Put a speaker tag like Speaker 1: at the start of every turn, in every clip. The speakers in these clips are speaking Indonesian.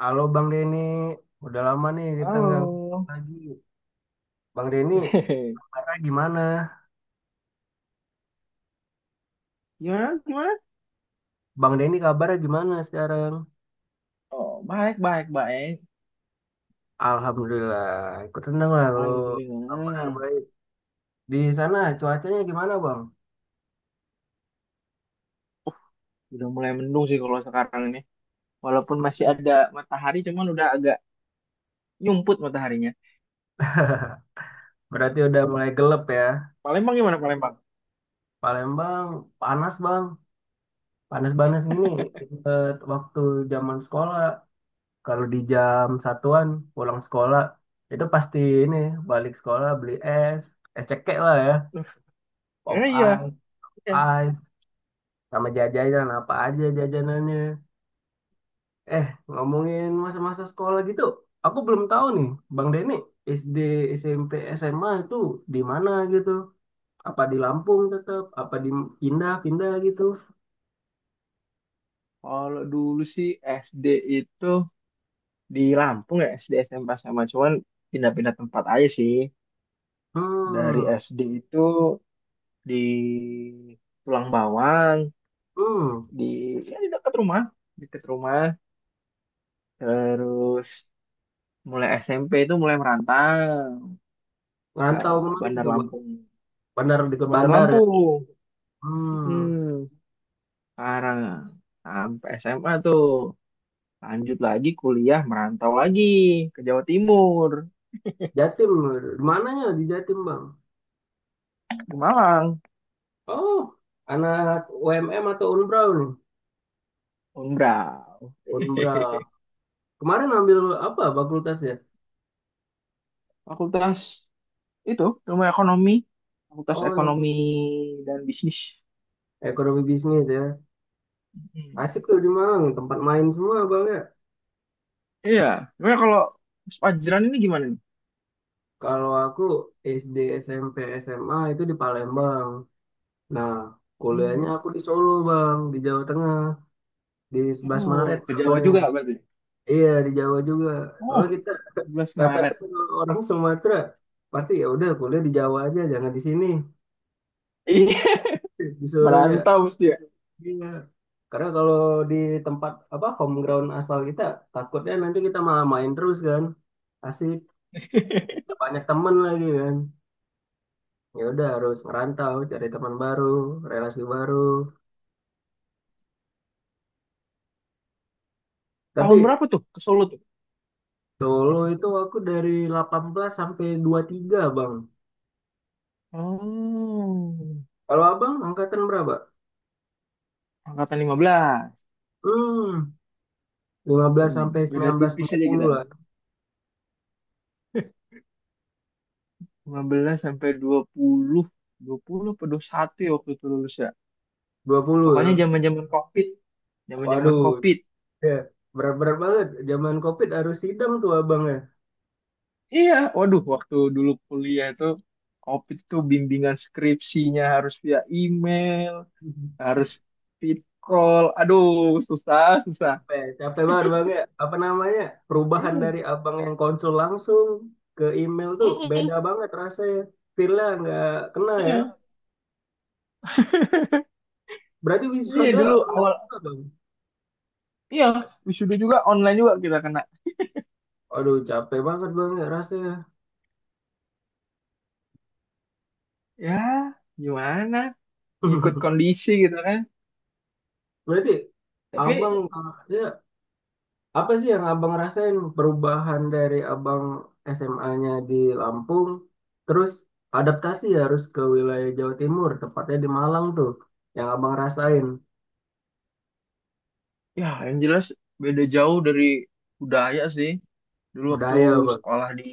Speaker 1: Halo Bang Denny, udah lama nih kita nggak ngobrol
Speaker 2: Halo.
Speaker 1: lagi. Bang Denny, kabarnya gimana?
Speaker 2: Gimana? Gimana?
Speaker 1: Bang Denny kabarnya gimana sekarang?
Speaker 2: Oh, baik, baik, baik.
Speaker 1: Alhamdulillah, ikut tenang lah kalau kabarnya
Speaker 2: Alhamdulillah.
Speaker 1: baik. Di sana cuacanya gimana Bang?
Speaker 2: Udah mulai mendung sih kalau sekarang ini. Walaupun masih ada matahari, cuman udah agak nyumput mataharinya.
Speaker 1: Berarti udah mulai gelap ya.
Speaker 2: Palembang gimana Palembang?
Speaker 1: Palembang panas Bang, panas-panas gini. Ingat waktu zaman sekolah, kalau di jam satuan pulang sekolah, itu pasti ini balik sekolah beli es, es cekek lah ya,
Speaker 2: Eh,
Speaker 1: pop
Speaker 2: iya, iya.
Speaker 1: ice. Sama jajanan apa aja jajanannya, eh, ngomongin masa-masa sekolah gitu, aku belum tahu nih Bang Deni SD SMP SMA itu di mana gitu, apa di Lampung tetap apa di pindah-pindah gitu.
Speaker 2: Kalau dulu sih SD itu di Lampung ya, SD SMP sama. Cuman pindah-pindah tempat aja sih. Dari
Speaker 1: Hmm.
Speaker 2: SD itu di Tulang Bawang,
Speaker 1: Hmm.
Speaker 2: di, di dekat rumah. Dekat rumah. Terus mulai SMP itu mulai merantau ke
Speaker 1: Ngantau kemana
Speaker 2: Bandar
Speaker 1: gitu Bang?
Speaker 2: Lampung.
Speaker 1: Bandar, di ke
Speaker 2: Bandar
Speaker 1: Bandar ya?
Speaker 2: Lampung.
Speaker 1: Hmm.
Speaker 2: Hmm, Parang. Sampai SMA tuh. Lanjut lagi kuliah merantau lagi ke Jawa Timur.
Speaker 1: Jatim, di mananya di Jatim Bang?
Speaker 2: Ke Malang.
Speaker 1: Oh, anak UMM atau Unbrau nih?
Speaker 2: Unbrau.
Speaker 1: Unbrau. Kemarin ambil apa fakultasnya?
Speaker 2: Fakultas itu ilmu ekonomi. Fakultas
Speaker 1: Oh,
Speaker 2: ekonomi
Speaker 1: yang
Speaker 2: dan bisnis.
Speaker 1: ekonomi bisnis ya?
Speaker 2: Hmm.
Speaker 1: Asik tuh di Malang, tempat main semua bang ya.
Speaker 2: Iya. Sebenarnya kalau Pak ini gimana nih?
Speaker 1: Kalau aku SD, SMP, SMA itu di Palembang. Nah,
Speaker 2: Hmm.
Speaker 1: kuliahnya aku di Solo bang, di Jawa Tengah, di 11 Maret
Speaker 2: Oh, ke Jawa juga
Speaker 1: namanya.
Speaker 2: berarti.
Speaker 1: Iya di Jawa juga. Kalau
Speaker 2: Oh,
Speaker 1: kita
Speaker 2: 11
Speaker 1: rata-rata
Speaker 2: Maret.
Speaker 1: kalau orang Sumatera, pasti ya udah kuliah di Jawa aja, jangan di sini.
Speaker 2: Iya,
Speaker 1: Disuruh ya.
Speaker 2: merantau mesti ya.
Speaker 1: Iya. Karena kalau di tempat apa home ground asal kita, takutnya nanti kita malah main terus kan. Asik, banyak temen lagi kan. Ya udah harus merantau cari teman baru, relasi baru,
Speaker 2: Tahun
Speaker 1: tapi
Speaker 2: berapa tuh ke Solo tuh?
Speaker 1: Solo itu aku dari 18 sampai 23 bang.
Speaker 2: Oh,
Speaker 1: Kalau abang angkatan berapa?
Speaker 2: angkatan 15.
Speaker 1: Hmm, 15
Speaker 2: Hmm,
Speaker 1: sampai
Speaker 2: beda
Speaker 1: 19
Speaker 2: tipis
Speaker 1: dua
Speaker 2: aja
Speaker 1: puluh
Speaker 2: kita.
Speaker 1: lah.
Speaker 2: 15 sampai 20. 20 atau 21 ya waktu itu lulus ya.
Speaker 1: 20
Speaker 2: Pokoknya
Speaker 1: ya.
Speaker 2: zaman-zaman COVID. Zaman-zaman
Speaker 1: Waduh,
Speaker 2: COVID.
Speaker 1: ya, berat-berat banget zaman COVID harus sidang tuh abang ya.
Speaker 2: Iya, waduh waktu dulu kuliah itu COVID itu bimbingan skripsinya harus via email, harus fit call. Aduh, susah, susah.
Speaker 1: Capek, capek banget bang ya, apa namanya, perubahan
Speaker 2: Iya.
Speaker 1: dari abang yang konsul langsung ke email tuh beda
Speaker 2: Mm-mm.
Speaker 1: banget rasanya, feel-nya nggak kena ya.
Speaker 2: Iya.
Speaker 1: Berarti
Speaker 2: Iya
Speaker 1: wisuda
Speaker 2: dulu
Speaker 1: online
Speaker 2: awal
Speaker 1: juga, bang?
Speaker 2: iya wisuda juga online juga kita kena.
Speaker 1: Aduh, capek banget bang ya rasanya.
Speaker 2: Ya, gimana? Ngikut kondisi gitu kan.
Speaker 1: Berarti abang,
Speaker 2: Tapi
Speaker 1: ya, apa sih yang abang rasain perubahan dari abang SMA-nya di Lampung, terus adaptasi harus ke wilayah Jawa Timur, tepatnya di Malang tuh, yang abang rasain?
Speaker 2: ya yang jelas beda jauh dari budaya sih. Dulu waktu
Speaker 1: Budaya bang,
Speaker 2: sekolah di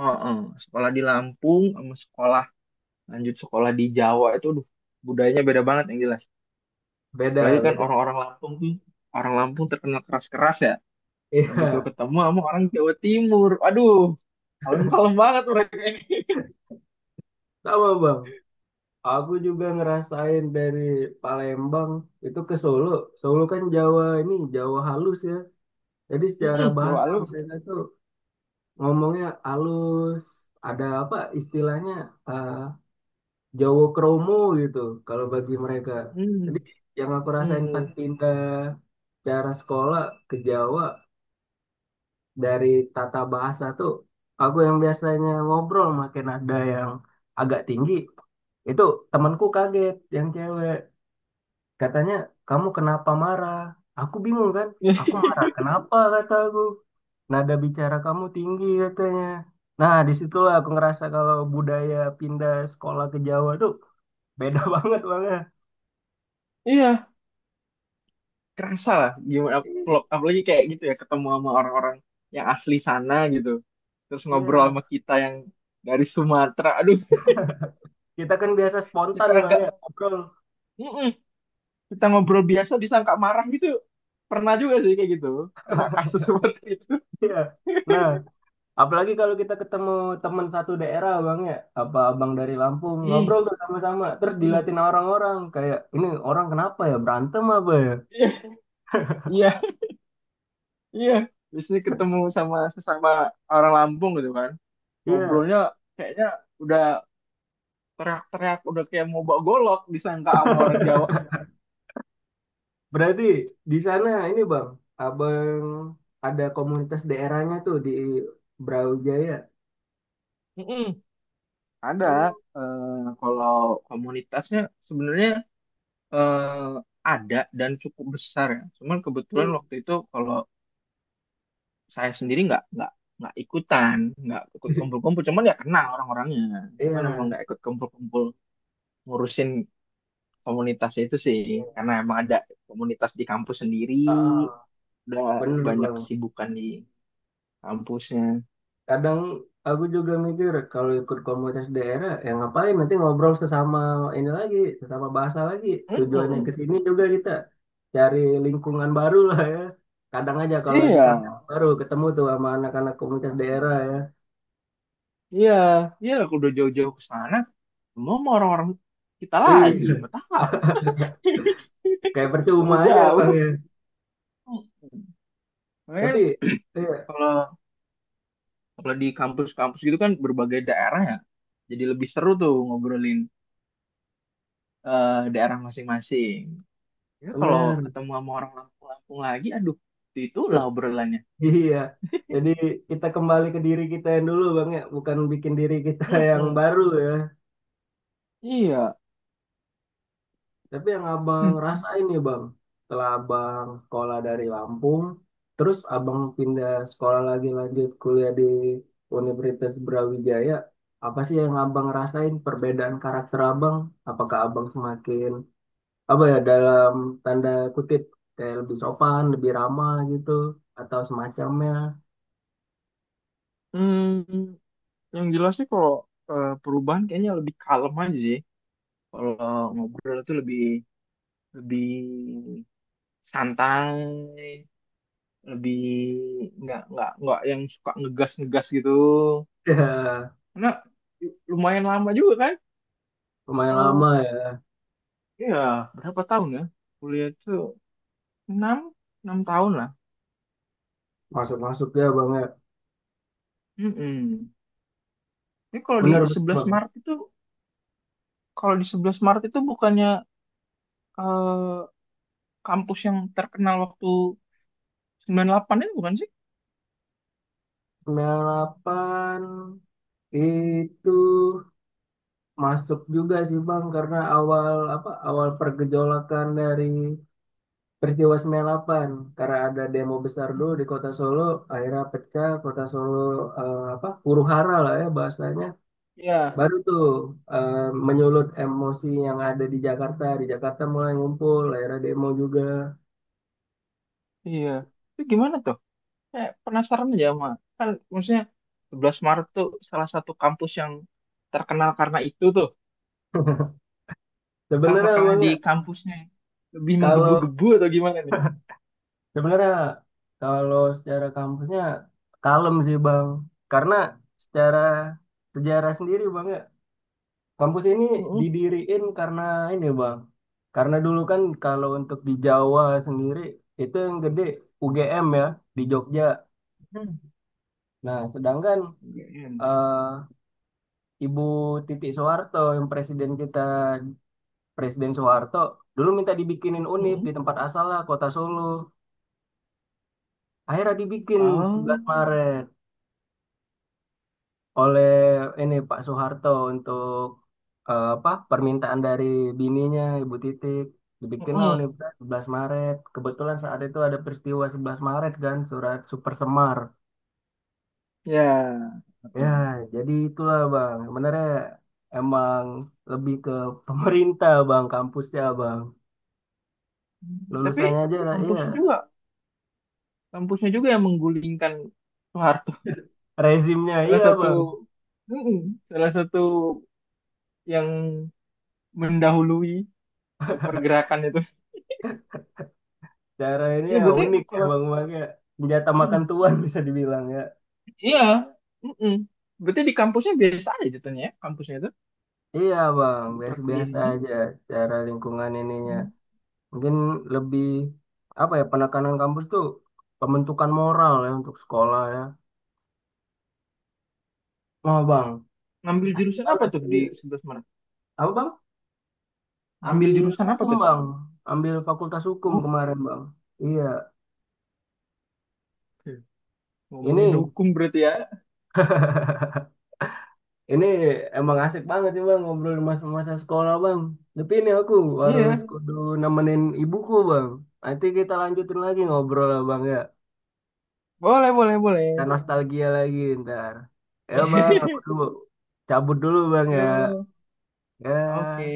Speaker 2: Heeh, sekolah di Lampung sama sekolah lanjut sekolah di Jawa itu aduh budayanya beda banget yang jelas. Apalagi
Speaker 1: beda
Speaker 2: kan
Speaker 1: beda.
Speaker 2: orang-orang Lampung tuh orang Lampung terkenal keras-keras ya. Begitu
Speaker 1: Iya,
Speaker 2: ketemu sama orang Jawa Timur, aduh, kalem-kalem banget mereka ini.
Speaker 1: sama bang. Aku juga ngerasain dari Palembang itu ke Solo. Solo kan Jawa ini Jawa halus ya. Jadi secara
Speaker 2: Mm-mm, Jawa
Speaker 1: bahasa
Speaker 2: halus.
Speaker 1: mereka tuh ngomongnya halus, ada apa istilahnya, eh Jawa kromo gitu kalau bagi mereka. Jadi
Speaker 2: Hmm,
Speaker 1: yang aku rasain
Speaker 2: hmm.
Speaker 1: pas pindah cara sekolah ke Jawa dari tata bahasa tuh, aku yang biasanya ngobrol makin ada yang agak tinggi itu, temanku kaget yang cewek. Katanya, kamu kenapa marah? Aku bingung kan? Aku marah. Kenapa kata aku? Nada bicara kamu tinggi katanya. Nah, disitulah aku ngerasa kalau budaya pindah sekolah ke Jawa tuh beda banget Bang ya.
Speaker 2: Iya, kerasa lah gimana kalau apalagi kayak gitu ya ketemu sama orang-orang yang asli sana gitu. Terus ngobrol sama
Speaker 1: Iya.
Speaker 2: kita yang dari Sumatera. Aduh,
Speaker 1: Kita kan biasa spontan
Speaker 2: kita
Speaker 1: Bang
Speaker 2: agak
Speaker 1: ya, ngobrol.
Speaker 2: mm-mm. Kita ngobrol biasa disangka marah gitu. Pernah juga sih kayak gitu. Kena kasus seperti itu.
Speaker 1: Iya. Nah, apalagi kalau kita ketemu teman satu daerah Bang ya, apa abang dari Lampung, ngobrol
Speaker 2: Hmm,
Speaker 1: tuh sama-sama. Terus
Speaker 2: mm-mm.
Speaker 1: dilatih orang-orang kayak, ini orang kenapa ya? Berantem apa ya?
Speaker 2: Iya, iya, iya. Biasanya ketemu sama sesama orang Lampung gitu kan.
Speaker 1: Iya.
Speaker 2: Ngobrolnya kayaknya udah teriak-teriak, udah kayak mau bawa golok disangka sama orang Jawa.
Speaker 1: Berarti di sana ini Bang, Abang ada komunitas daerahnya tuh di Brawijaya.
Speaker 2: Mm-mm. Ada
Speaker 1: Hmm.
Speaker 2: eh, Kalau komunitasnya sebenarnya eh, ada dan cukup besar ya. Cuman kebetulan
Speaker 1: Hmm.
Speaker 2: waktu itu kalau saya sendiri nggak ikutan, nggak ikut kumpul-kumpul. Cuman ya kenal orang-orangnya. Cuman emang
Speaker 1: Iya.
Speaker 2: nggak ikut kumpul-kumpul ngurusin komunitasnya itu sih.
Speaker 1: Iya.
Speaker 2: Karena emang ada komunitas di kampus sendiri,
Speaker 1: Ah, ah.
Speaker 2: udah
Speaker 1: Bener
Speaker 2: banyak
Speaker 1: Bang.
Speaker 2: kesibukan di kampusnya.
Speaker 1: Kadang aku juga mikir kalau ikut komunitas daerah, ya ngapain nanti ngobrol sesama ini lagi, sesama bahasa lagi. Tujuannya ke
Speaker 2: Mm-mm.
Speaker 1: sini juga
Speaker 2: Mm.
Speaker 1: kita cari lingkungan baru lah ya. Kadang aja kalau lagi
Speaker 2: Iya.
Speaker 1: kangen baru ketemu tuh sama anak-anak komunitas daerah ya.
Speaker 2: Iya, iya aku udah jauh-jauh ke sana. Semua mau orang-orang kita lagi,
Speaker 1: Iya,
Speaker 2: buat apa?
Speaker 1: kayak percuma aja
Speaker 2: Jauh-jauh.
Speaker 1: Bang ya.
Speaker 2: Makanya
Speaker 1: Tapi, iya,
Speaker 2: kalau kalau di kampus-kampus gitu kan berbagai daerah ya. Jadi lebih seru tuh ngobrolin daerah masing-masing. Ya kalau
Speaker 1: bener.
Speaker 2: ketemu sama orang Lampung-Lampung lagi, aduh, itu lah obrolannya.
Speaker 1: Iya. Jadi kita kembali ke diri kita yang dulu Bang ya, bukan bikin diri kita yang
Speaker 2: Mm-mm.
Speaker 1: baru ya.
Speaker 2: Iya.
Speaker 1: Tapi yang Abang
Speaker 2: Hmm.
Speaker 1: rasain nih Bang, setelah Abang sekolah dari Lampung, terus Abang pindah sekolah lagi lanjut kuliah di Universitas Brawijaya, apa sih yang Abang rasain perbedaan karakter Abang? Apakah Abang semakin apa ya, dalam tanda kutip, kayak lebih sopan, lebih ramah gitu atau semacamnya?
Speaker 2: Hmm, yang jelas sih kalau perubahan kayaknya lebih kalem aja sih. Kalau ngobrol itu lebih lebih santai lebih nggak yang suka ngegas ngegas gitu
Speaker 1: Ya,
Speaker 2: karena lumayan lama juga kan
Speaker 1: lumayan
Speaker 2: eh
Speaker 1: lama.
Speaker 2: ya berapa tahun ya kuliah itu enam enam tahun lah.
Speaker 1: Masuk-masuk ya Bang ya.
Speaker 2: Mm-mm. Ini kalau di
Speaker 1: Benar benar,
Speaker 2: sebelas
Speaker 1: Bang.
Speaker 2: Maret itu Kalau di sebelas Maret itu bukannya eh, kampus yang terkenal waktu 98 itu bukan sih?
Speaker 1: 98 itu masuk juga sih Bang karena awal apa awal pergejolakan dari peristiwa 98, karena ada demo besar dulu di Kota Solo, akhirnya pecah Kota Solo, apa huru hara lah ya bahasanya,
Speaker 2: Iya.
Speaker 1: baru tuh, eh, menyulut emosi yang ada di Jakarta mulai ngumpul akhirnya demo juga.
Speaker 2: Iya. Itu gimana penasaran aja sama kan maksudnya 11 Maret tuh salah satu kampus yang terkenal karena itu tuh.
Speaker 1: Sebenarnya
Speaker 2: Apakah
Speaker 1: Bang
Speaker 2: di
Speaker 1: ya,
Speaker 2: kampusnya lebih
Speaker 1: kalau
Speaker 2: menggebu-gebu atau gimana nih?
Speaker 1: Sebenarnya kalau secara kampusnya kalem sih Bang. Karena secara sejarah sendiri Bang ya, kampus ini
Speaker 2: Mm-mm.
Speaker 1: didiriin karena ini Bang. Karena dulu kan kalau untuk di Jawa sendiri itu yang gede UGM ya di Jogja.
Speaker 2: Hmm.
Speaker 1: Nah, sedangkan
Speaker 2: UGM.
Speaker 1: eh, Ibu Titik Soeharto yang presiden kita Presiden Soeharto dulu minta dibikinin UNIF
Speaker 2: Mm-mm.
Speaker 1: di tempat asalnya Kota Solo. Akhirnya dibikin 11
Speaker 2: Oh.
Speaker 1: Maret oleh ini Pak Soeharto untuk apa permintaan dari bininya Ibu Titik, dibikinlah
Speaker 2: Mm-mm.
Speaker 1: Universitas 11 Maret. Kebetulan saat itu ada peristiwa 11 Maret kan, surat Super Semar
Speaker 2: Ya.
Speaker 1: ya.
Speaker 2: Oke.
Speaker 1: Jadi itulah Bang sebenarnya emang lebih ke pemerintah Bang kampusnya Bang,
Speaker 2: Hmm. Tapi
Speaker 1: lulusannya aja iya,
Speaker 2: kampusnya juga, kampusnya juga yang menggulingkan Soeharto.
Speaker 1: rezimnya
Speaker 2: Salah
Speaker 1: iya
Speaker 2: satu,
Speaker 1: Bang.
Speaker 2: Mm-mm. Salah satu yang mendahului untuk pergerakan itu.
Speaker 1: Cara ini
Speaker 2: Ini
Speaker 1: ya
Speaker 2: berarti
Speaker 1: unik
Speaker 2: kalau
Speaker 1: emang, makanya senjata makan
Speaker 2: Mm-mm.
Speaker 1: tuan bisa dibilang ya.
Speaker 2: Iya, mm-mm. Berarti di kampusnya biasa aja jatuhnya ya, kampusnya itu
Speaker 1: Iya bang,
Speaker 2: di perkuliahan
Speaker 1: biasa-biasa
Speaker 2: ini.
Speaker 1: aja secara lingkungan ininya.
Speaker 2: Mm.
Speaker 1: Mungkin lebih apa ya, penekanan kampus tuh pembentukan moral ya untuk sekolah ya. Oh bang,
Speaker 2: Ngambil
Speaker 1: asik
Speaker 2: jurusan apa
Speaker 1: banget.
Speaker 2: tuh di
Speaker 1: Iya.
Speaker 2: 11 Maret?
Speaker 1: Apa bang?
Speaker 2: Ngambil
Speaker 1: Ambil
Speaker 2: jurusan apa
Speaker 1: hukum
Speaker 2: tuh?
Speaker 1: bang, ambil fakultas hukum
Speaker 2: Oh,
Speaker 1: kemarin bang. Iya,
Speaker 2: oke. Ngomongin
Speaker 1: ini
Speaker 2: hukum berarti ya.
Speaker 1: ini emang asik banget sih bang ngobrol masa-masa sekolah bang. Tapi ini aku harus
Speaker 2: Iya.
Speaker 1: kudu nemenin ibuku bang. Nanti kita lanjutin lagi ngobrol lah bang ya.
Speaker 2: Boleh, boleh,
Speaker 1: Dan
Speaker 2: boleh.
Speaker 1: nostalgia lagi ntar. Ya bang, aku dulu cabut dulu bang ya.
Speaker 2: Yo, oke.
Speaker 1: Ya.